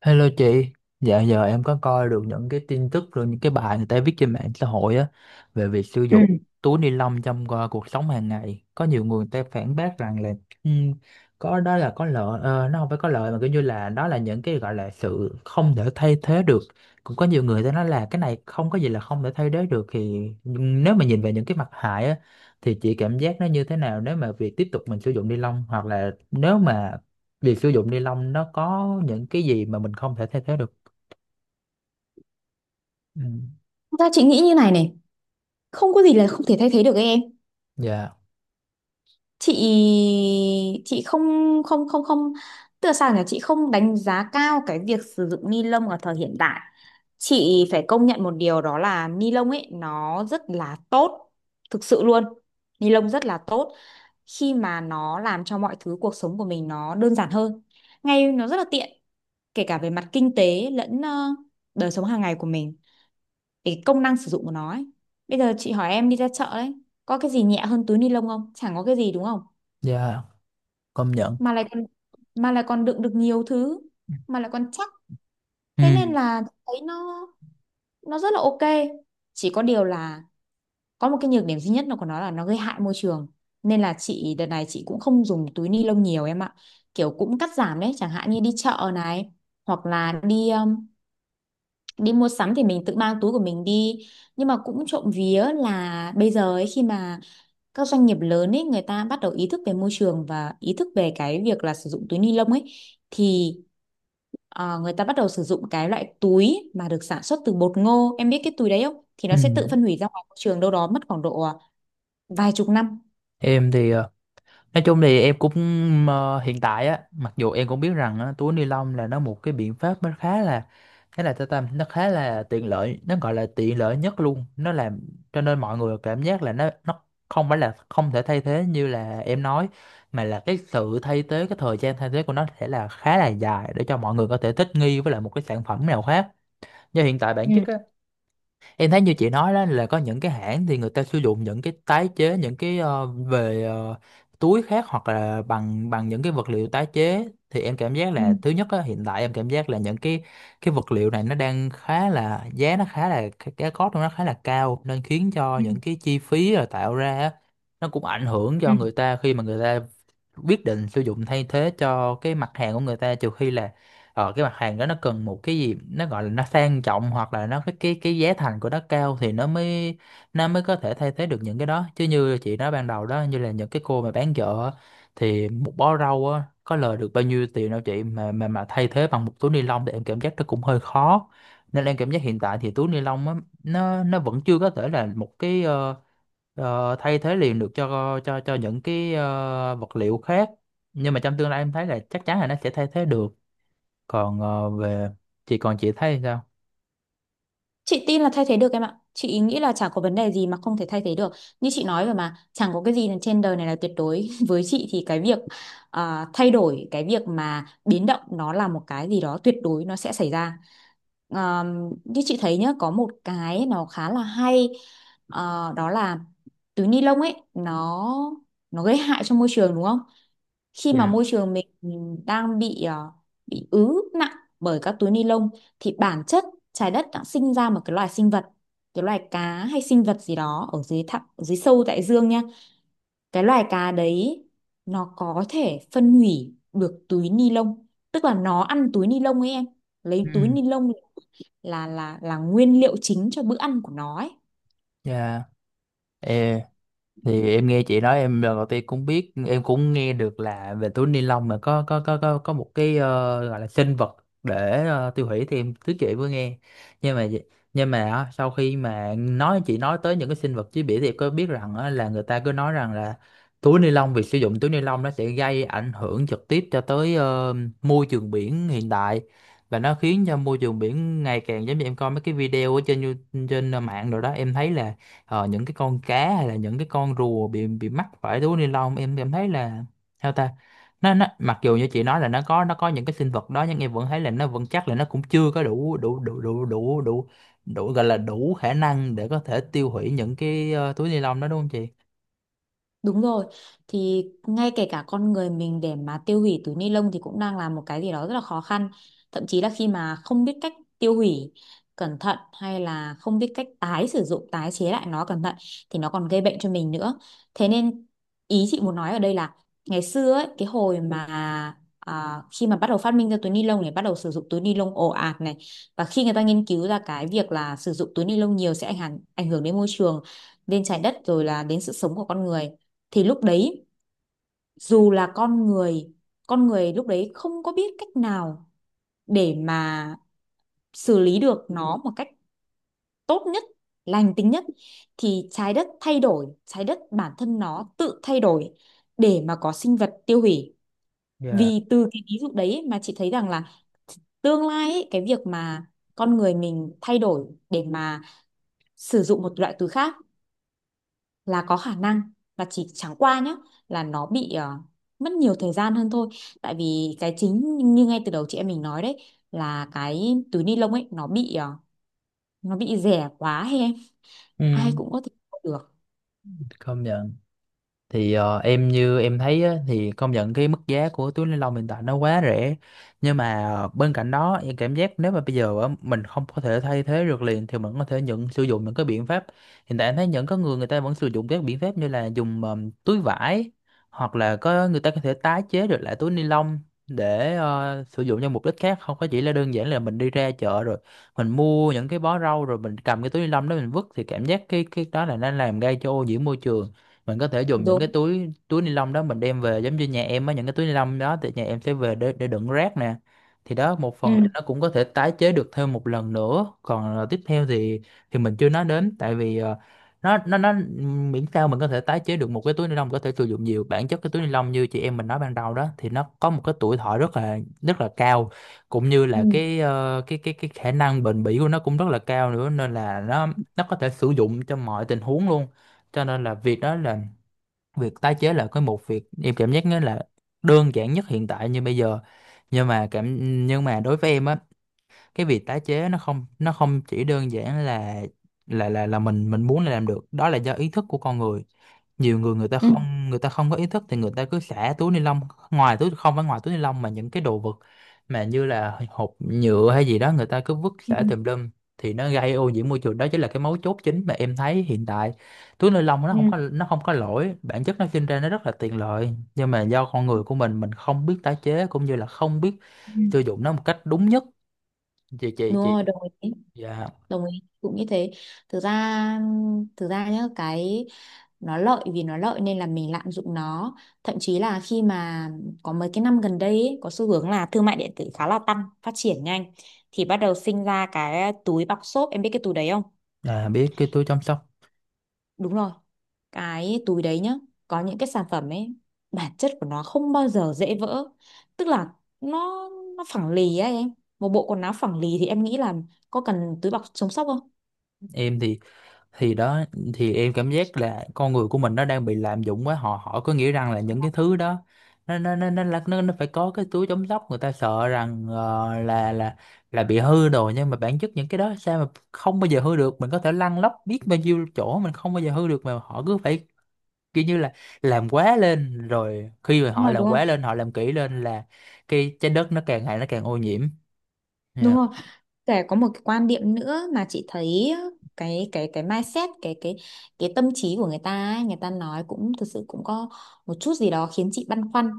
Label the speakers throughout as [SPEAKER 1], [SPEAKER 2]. [SPEAKER 1] Hello chị, dạo giờ em có coi được những cái tin tức rồi những cái bài người ta viết trên mạng xã hội á về việc sử
[SPEAKER 2] Ừ.
[SPEAKER 1] dụng túi ni lông trong cuộc sống hàng ngày. Có nhiều người người ta phản bác rằng là ừm, có đó là có lợi, nó không phải có lợi mà kiểu như là đó là những cái gọi là sự không thể thay thế được. Cũng có nhiều người ta nói là cái này không có gì là không thể thay thế được thì nhưng nếu mà nhìn về những cái mặt hại á thì chị cảm giác nó như thế nào nếu mà việc tiếp tục mình sử dụng ni lông, hoặc là nếu mà việc sử dụng ni lông nó có những cái gì mà mình không thể thay thế được. Ừ.
[SPEAKER 2] Thật ra chị nghĩ như này này, không có gì là không thể thay thế được ấy em.
[SPEAKER 1] Dạ,
[SPEAKER 2] Chị không không không không tức là sao nhỉ, chị không đánh giá cao cái việc sử dụng ni lông ở thời hiện đại. Chị phải công nhận một điều đó là ni lông ấy nó rất là tốt, thực sự luôn. Ni lông rất là tốt khi mà nó làm cho mọi thứ cuộc sống của mình nó đơn giản hơn, ngay nó rất là tiện, kể cả về mặt kinh tế lẫn đời sống hàng ngày của mình, cái công năng sử dụng của nó ấy. Bây giờ chị hỏi em đi ra chợ đấy, có cái gì nhẹ hơn túi ni lông không? Chẳng có cái gì đúng không?
[SPEAKER 1] dạ, công nhận.
[SPEAKER 2] Mà lại còn mà lại còn đựng được nhiều thứ, mà lại còn chắc. Thế nên
[SPEAKER 1] Ừ.
[SPEAKER 2] là thấy nó rất là ok. Chỉ có điều là có một cái nhược điểm duy nhất là của nó là nó gây hại môi trường. Nên là chị đợt này chị cũng không dùng túi ni lông nhiều em ạ. Kiểu cũng cắt giảm đấy, chẳng hạn như đi chợ này hoặc là đi đi mua sắm thì mình tự mang túi của mình đi, nhưng mà cũng trộm vía là bây giờ ấy, khi mà các doanh nghiệp lớn ấy người ta bắt đầu ý thức về môi trường và ý thức về cái việc là sử dụng túi ni lông ấy thì người ta bắt đầu sử dụng cái loại túi mà được sản xuất từ bột ngô, em biết cái túi đấy không, thì nó
[SPEAKER 1] Ừ.
[SPEAKER 2] sẽ tự phân hủy ra ngoài môi trường đâu đó mất khoảng độ vài chục năm.
[SPEAKER 1] Em thì nói chung thì em cũng, hiện tại á, mặc dù em cũng biết rằng á, túi ni lông là nó một cái biện pháp nó khá là tao tâm, nó khá là tiện lợi, nó gọi là tiện lợi nhất luôn. Nó làm cho nên mọi người cảm giác là nó không phải là không thể thay thế như là em nói, mà là cái sự thay thế, cái thời gian thay thế của nó sẽ là khá là dài để cho mọi người có thể thích nghi với lại một cái sản phẩm nào khác. Do hiện tại bản chất
[SPEAKER 2] Ừ,
[SPEAKER 1] á, em thấy như chị nói đó là có những cái hãng thì người ta sử dụng những cái tái chế, những cái về túi khác hoặc là bằng bằng những cái vật liệu tái chế, thì em cảm giác
[SPEAKER 2] ừ,
[SPEAKER 1] là thứ nhất á, hiện tại em cảm giác là những cái vật liệu này nó đang khá là giá, nó khá là cái cost của nó khá là cao, nên khiến cho
[SPEAKER 2] ừ,
[SPEAKER 1] những cái chi phí rồi tạo ra á, nó cũng ảnh hưởng
[SPEAKER 2] ừ.
[SPEAKER 1] cho người ta khi mà người ta quyết định sử dụng thay thế cho cái mặt hàng của người ta, trừ khi là cái mặt hàng đó nó cần một cái gì nó gọi là nó sang trọng, hoặc là nó cái giá thành của nó cao thì nó mới có thể thay thế được những cái đó. Chứ như chị nói ban đầu đó, như là những cái cô mà bán chợ á, thì một bó rau á có lời được bao nhiêu tiền đâu chị, mà thay thế bằng một túi ni lông thì em cảm giác nó cũng hơi khó, nên em cảm giác hiện tại thì túi ni lông á, nó vẫn chưa có thể là một cái thay thế liền được, cho những cái vật liệu khác, nhưng mà trong tương lai em thấy là chắc chắn là nó sẽ thay thế được. Còn về chị, còn chị thấy sao?
[SPEAKER 2] Chị tin là thay thế được em ạ. Chị nghĩ là chả có vấn đề gì mà không thể thay thế được. Như chị nói rồi mà, chẳng có cái gì là trên đời này là tuyệt đối. Với chị thì cái việc thay đổi, cái việc mà biến động nó là một cái gì đó tuyệt đối nó sẽ xảy ra. À, Như chị thấy nhá, có một cái nó khá là hay, à, đó là túi ni lông ấy nó gây hại cho môi trường đúng không? Khi mà
[SPEAKER 1] Dạ.
[SPEAKER 2] môi trường mình đang bị bị ứ nặng bởi các túi ni lông thì bản chất trái đất đã sinh ra một cái loài sinh vật, cái loài cá hay sinh vật gì đó ở dưới thẳm ở dưới sâu đại dương nha, cái loài cá đấy nó có thể phân hủy được túi ni lông, tức là nó ăn túi ni lông ấy em, lấy
[SPEAKER 1] Ừ.
[SPEAKER 2] túi ni lông là nguyên liệu chính cho bữa ăn của nó ấy.
[SPEAKER 1] Dạ. Ờ, thì em nghe chị nói, em lần đầu tiên cũng biết, em cũng nghe được là về túi ni lông mà có một cái gọi là sinh vật để tiêu hủy, thì em thứ chị vừa nghe, nhưng mà nhưng mà á, sau khi mà nói, chị nói tới những cái sinh vật chế biển, thì em có biết rằng á, là người ta cứ nói rằng là túi ni lông, việc sử dụng túi ni lông nó sẽ gây ảnh hưởng trực tiếp cho tới môi trường biển hiện tại, và nó khiến cho môi trường biển ngày càng, giống như em coi mấy cái video ở trên trên mạng rồi đó, em thấy là những cái con cá hay là những cái con rùa bị mắc phải túi ni lông, em thấy là sao ta. Nó mặc dù như chị nói là nó có những cái sinh vật đó, nhưng em vẫn thấy là nó vẫn, chắc là nó cũng chưa có đủ đủ đủ đủ đủ đủ đủ gọi là đủ khả năng để có thể tiêu hủy những cái túi ni lông đó, đúng không chị?
[SPEAKER 2] Đúng rồi, thì ngay kể cả con người mình để mà tiêu hủy túi ni lông thì cũng đang là một cái gì đó rất là khó khăn. Thậm chí là khi mà không biết cách tiêu hủy cẩn thận hay là không biết cách tái sử dụng, tái chế lại nó cẩn thận thì nó còn gây bệnh cho mình nữa. Thế nên ý chị muốn nói ở đây là ngày xưa ấy, cái hồi mà khi mà bắt đầu phát minh ra túi ni lông này, bắt đầu sử dụng túi ni lông ồ ạt này, và khi người ta nghiên cứu ra cái việc là sử dụng túi ni lông nhiều sẽ ảnh hưởng đến môi trường, đến trái đất rồi là đến sự sống của con người, thì lúc đấy dù là con người lúc đấy không có biết cách nào để mà xử lý được nó một cách tốt nhất, lành tính nhất, thì trái đất thay đổi, trái đất bản thân nó tự thay đổi để mà có sinh vật tiêu hủy.
[SPEAKER 1] Dạ.
[SPEAKER 2] Vì từ cái ví dụ đấy mà chị thấy rằng là tương lai ấy, cái việc mà con người mình thay đổi để mà sử dụng một loại từ khác là có khả năng, là chỉ chẳng qua nhá là nó bị mất nhiều thời gian hơn thôi, tại vì cái chính như ngay từ đầu chị em mình nói đấy, là cái túi ni lông ấy nó bị nó bị rẻ quá hay em,
[SPEAKER 1] Ừ.
[SPEAKER 2] ai cũng có thể mua được.
[SPEAKER 1] Công nhận. Thì em như em thấy á, thì công nhận cái mức giá của túi ni lông hiện tại nó quá rẻ, nhưng mà bên cạnh đó em cảm giác nếu mà bây giờ á, mình không có thể thay thế được liền, thì mình có thể nhận sử dụng những cái biện pháp. Hiện tại em thấy những có người người ta vẫn sử dụng các biện pháp như là dùng túi vải, hoặc là có người ta có thể tái chế được lại túi ni lông để sử dụng cho mục đích khác, không có chỉ là đơn giản là mình đi ra chợ rồi mình mua những cái bó rau rồi mình cầm cái túi ni lông đó mình vứt, thì cảm giác cái đó là nó làm gây cho ô nhiễm môi trường. Mình có thể dùng những
[SPEAKER 2] Đúng.
[SPEAKER 1] cái túi túi ni lông đó mình đem về, giống như nhà em á, những cái túi ni lông đó thì nhà em sẽ về để đựng rác nè, thì đó một phần là
[SPEAKER 2] Ừ,
[SPEAKER 1] nó cũng có thể tái chế được thêm một lần nữa. Còn tiếp theo thì mình chưa nói đến, tại vì nó miễn sao mình có thể tái chế được một cái túi ni lông, có thể sử dụng nhiều, bản chất cái túi ni lông như chị em mình nói ban đầu đó thì nó có một cái tuổi thọ rất là cao, cũng như là
[SPEAKER 2] ừ,
[SPEAKER 1] cái cái khả năng bền bỉ của nó cũng rất là cao nữa, nên là nó có thể sử dụng cho mọi tình huống luôn. Cho nên là việc đó là việc tái chế là cái một việc em cảm giác nó là đơn giản nhất hiện tại như bây giờ. Nhưng mà cảm nhưng mà đối với em á, cái việc tái chế nó không chỉ đơn giản là mình muốn là làm được, đó là do ý thức của con người. Nhiều người
[SPEAKER 2] ừ,
[SPEAKER 1] người ta không có ý thức, thì người ta cứ xả túi ni lông ngoài, túi không phải ngoài túi ni lông mà những cái đồ vật mà như là hộp nhựa hay gì đó người ta cứ vứt
[SPEAKER 2] ừ,
[SPEAKER 1] xả tùm lum, thì nó gây ô nhiễm môi trường. Đó chính là cái mấu chốt chính mà em thấy hiện tại. Túi ni lông nó không
[SPEAKER 2] ừ,
[SPEAKER 1] có nó không có lỗi, bản chất nó sinh ra nó rất là tiện lợi, nhưng mà do con người của mình không biết tái chế cũng như là không biết
[SPEAKER 2] ừ.
[SPEAKER 1] sử dụng nó một cách đúng nhất. chị
[SPEAKER 2] Đúng
[SPEAKER 1] chị chị
[SPEAKER 2] rồi, đồng ý,
[SPEAKER 1] Dạ.
[SPEAKER 2] đồng ý cũng như thế. Thực ra thực ra nhá cái, nó lợi vì nó lợi nên là mình lạm dụng nó, thậm chí là khi mà có mấy cái năm gần đây ấy, có xu hướng là thương mại điện tử khá là tăng phát triển nhanh, thì bắt đầu sinh ra cái túi bọc xốp, em biết cái túi đấy không?
[SPEAKER 1] À, biết cái túi chăm sóc.
[SPEAKER 2] Đúng rồi, cái túi đấy nhá, có những cái sản phẩm ấy bản chất của nó không bao giờ dễ vỡ, tức là nó nó phẳng lì ấy em, một bộ quần áo phẳng lì thì em nghĩ là có cần túi bọc chống sốc không?
[SPEAKER 1] Em thì đó, thì em cảm giác là con người của mình nó đang bị lạm dụng quá. Họ họ có nghĩa rằng là những cái thứ đó, nó phải có cái túi chống sốc, người ta sợ rằng là bị hư đồ, nhưng mà bản chất những cái đó sao mà không bao giờ hư được, mình có thể lăn lóc biết bao nhiêu chỗ mình không bao giờ hư được, mà họ cứ phải kiểu như là làm quá lên, rồi khi mà
[SPEAKER 2] Đúng
[SPEAKER 1] họ
[SPEAKER 2] rồi,
[SPEAKER 1] làm
[SPEAKER 2] đúng không?
[SPEAKER 1] quá lên họ làm kỹ lên là cái trái đất nó càng ngày nó càng ô nhiễm.
[SPEAKER 2] Đúng
[SPEAKER 1] Dạ.
[SPEAKER 2] rồi. Kể có một cái quan điểm nữa mà chị thấy, cái mindset, cái cái tâm trí của người ta ấy, người ta nói cũng thực sự cũng có một chút gì đó khiến chị băn khoăn,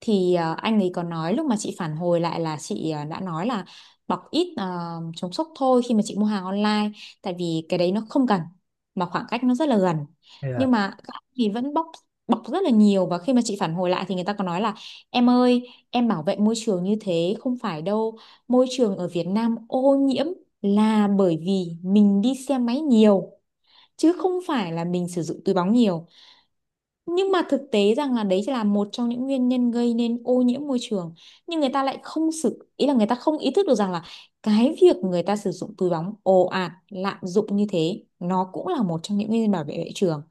[SPEAKER 2] thì anh ấy có nói lúc mà chị phản hồi lại là chị đã nói là bọc ít chống sốc thôi khi mà chị mua hàng online, tại vì cái đấy nó không cần, mà khoảng cách nó rất là gần, nhưng mà các anh thì vẫn bọc, bọc rất là nhiều, và khi mà chị phản hồi lại thì người ta có nói là em ơi em bảo vệ môi trường như thế không phải đâu, môi trường ở Việt Nam ô nhiễm là bởi vì mình đi xe máy nhiều chứ không phải là mình sử dụng túi bóng nhiều. Nhưng mà thực tế rằng là đấy chỉ là một trong những nguyên nhân gây nên ô nhiễm môi trường. Nhưng người ta lại không sự ý là người ta không ý thức được rằng là cái việc người ta sử dụng túi bóng ồ ạt, lạm dụng như thế nó cũng là một trong những nguyên nhân bảo vệ môi trường.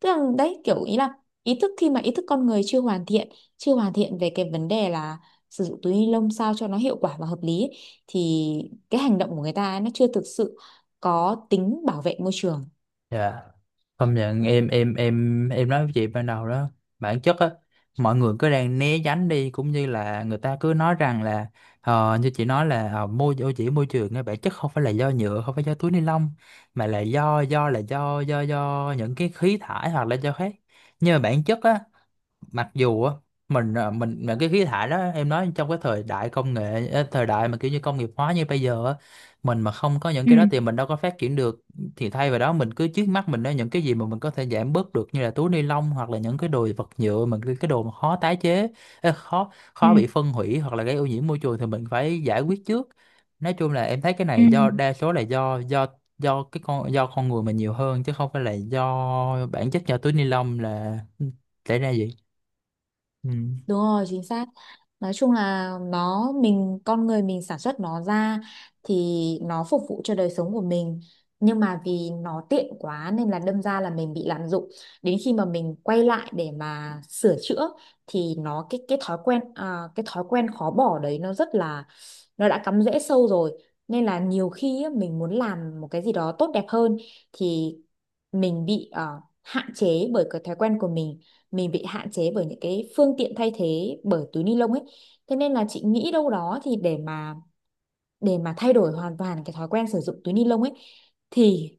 [SPEAKER 2] Tức là đấy kiểu ý là ý thức khi mà ý thức con người chưa hoàn thiện, chưa hoàn thiện về cái vấn đề là sử dụng túi ni lông sao cho nó hiệu quả và hợp lý ấy, thì cái hành động của người ta ấy, nó chưa thực sự có tính bảo vệ môi trường.
[SPEAKER 1] Dạ. Công nhận. Em nói với chị ban đầu đó, bản chất á, mọi người cứ đang né tránh đi, cũng như là người ta cứ nói rằng là như chị nói là ô nhiễm môi trường á, bản chất không phải là do nhựa, không phải do túi ni lông, mà là do những cái khí thải hoặc là do khác, nhưng mà bản chất á, mặc dù á, mình mà cái khí thải đó em nói, trong cái thời đại công nghệ thời đại mà kiểu như công nghiệp hóa như bây giờ á, mình mà không có những
[SPEAKER 2] Ừ,
[SPEAKER 1] cái đó thì mình đâu có phát triển được, thì thay vào đó mình cứ trước mắt mình đó những cái gì mà mình có thể giảm bớt được, như là túi ni lông hoặc là những cái đồ vật nhựa, mà cái đồ mà khó tái chế, khó
[SPEAKER 2] ừ,
[SPEAKER 1] khó bị phân hủy hoặc là gây ô nhiễm môi trường thì mình phải giải quyết trước. Nói chung là em thấy cái
[SPEAKER 2] ừ.
[SPEAKER 1] này do đa số là do con người mình nhiều hơn, chứ không phải là do bản chất do túi ni lông là xảy ra gì. Ừ.
[SPEAKER 2] Đúng rồi, chính xác. Nói chung là nó mình con người mình sản xuất nó ra thì nó phục vụ cho đời sống của mình. Nhưng mà vì nó tiện quá nên là đâm ra là mình bị lạm dụng. Đến khi mà mình quay lại để mà sửa chữa thì nó cái thói quen, cái thói quen khó bỏ đấy nó rất là, nó đã cắm rễ sâu rồi. Nên là nhiều khi á, mình muốn làm một cái gì đó tốt đẹp hơn thì mình bị hạn chế bởi cái thói quen của mình bị hạn chế bởi những cái phương tiện thay thế bởi túi ni lông ấy. Thế nên là chị nghĩ đâu đó thì để mà thay đổi hoàn toàn cái thói quen sử dụng túi ni lông ấy thì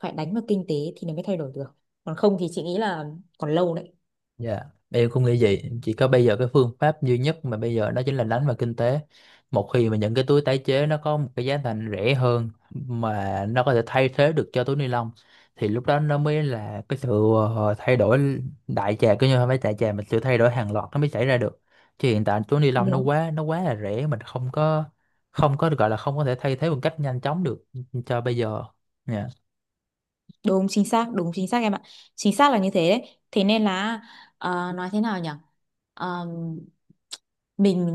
[SPEAKER 2] phải đánh vào kinh tế thì nó mới thay đổi được, còn không thì chị nghĩ là còn lâu đấy.
[SPEAKER 1] Dạ, em cũng nghĩ vậy. Chỉ có bây giờ cái phương pháp duy nhất mà bây giờ đó chính là đánh vào kinh tế. Một khi mà những cái túi tái chế nó có một cái giá thành rẻ hơn mà nó có thể thay thế được cho túi ni lông, thì lúc đó nó mới là cái sự thay đổi đại trà, cứ như không phải đại trà mà sự thay đổi hàng loạt nó mới xảy ra được. Chứ hiện tại túi ni lông nó
[SPEAKER 2] Đúng.
[SPEAKER 1] quá nó quá là rẻ, mình không có được gọi là không có thể thay thế một cách nhanh chóng được cho bây giờ. Dạ.
[SPEAKER 2] Đúng chính xác em ạ. Chính xác là như thế đấy. Thế nên là nói thế nào nhỉ? Ờ, mình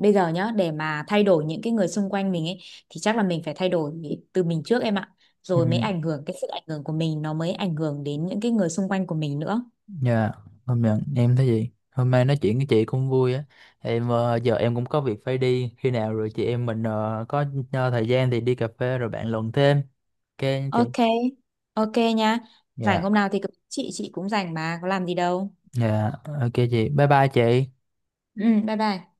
[SPEAKER 2] bây giờ nhá để mà thay đổi những cái người xung quanh mình ấy thì chắc là mình phải thay đổi từ mình trước em ạ.
[SPEAKER 1] Ừ.
[SPEAKER 2] Rồi mới ảnh hưởng, cái sự ảnh hưởng của mình nó mới ảnh hưởng đến những cái người xung quanh của mình nữa.
[SPEAKER 1] Dạ, hôm nay em thấy gì? Hôm nay nói chuyện với chị cũng vui á. Em giờ em cũng có việc phải đi. Khi nào rồi chị em mình có thời gian thì đi cà phê rồi bạn luận thêm. Ok nha chị.
[SPEAKER 2] Ok. Ok nha. Rảnh
[SPEAKER 1] Dạ,
[SPEAKER 2] hôm nào thì cứ- chị cũng rảnh mà có làm gì đâu.
[SPEAKER 1] dạ, ok chị. Bye bye chị.
[SPEAKER 2] Ừ, bye bye.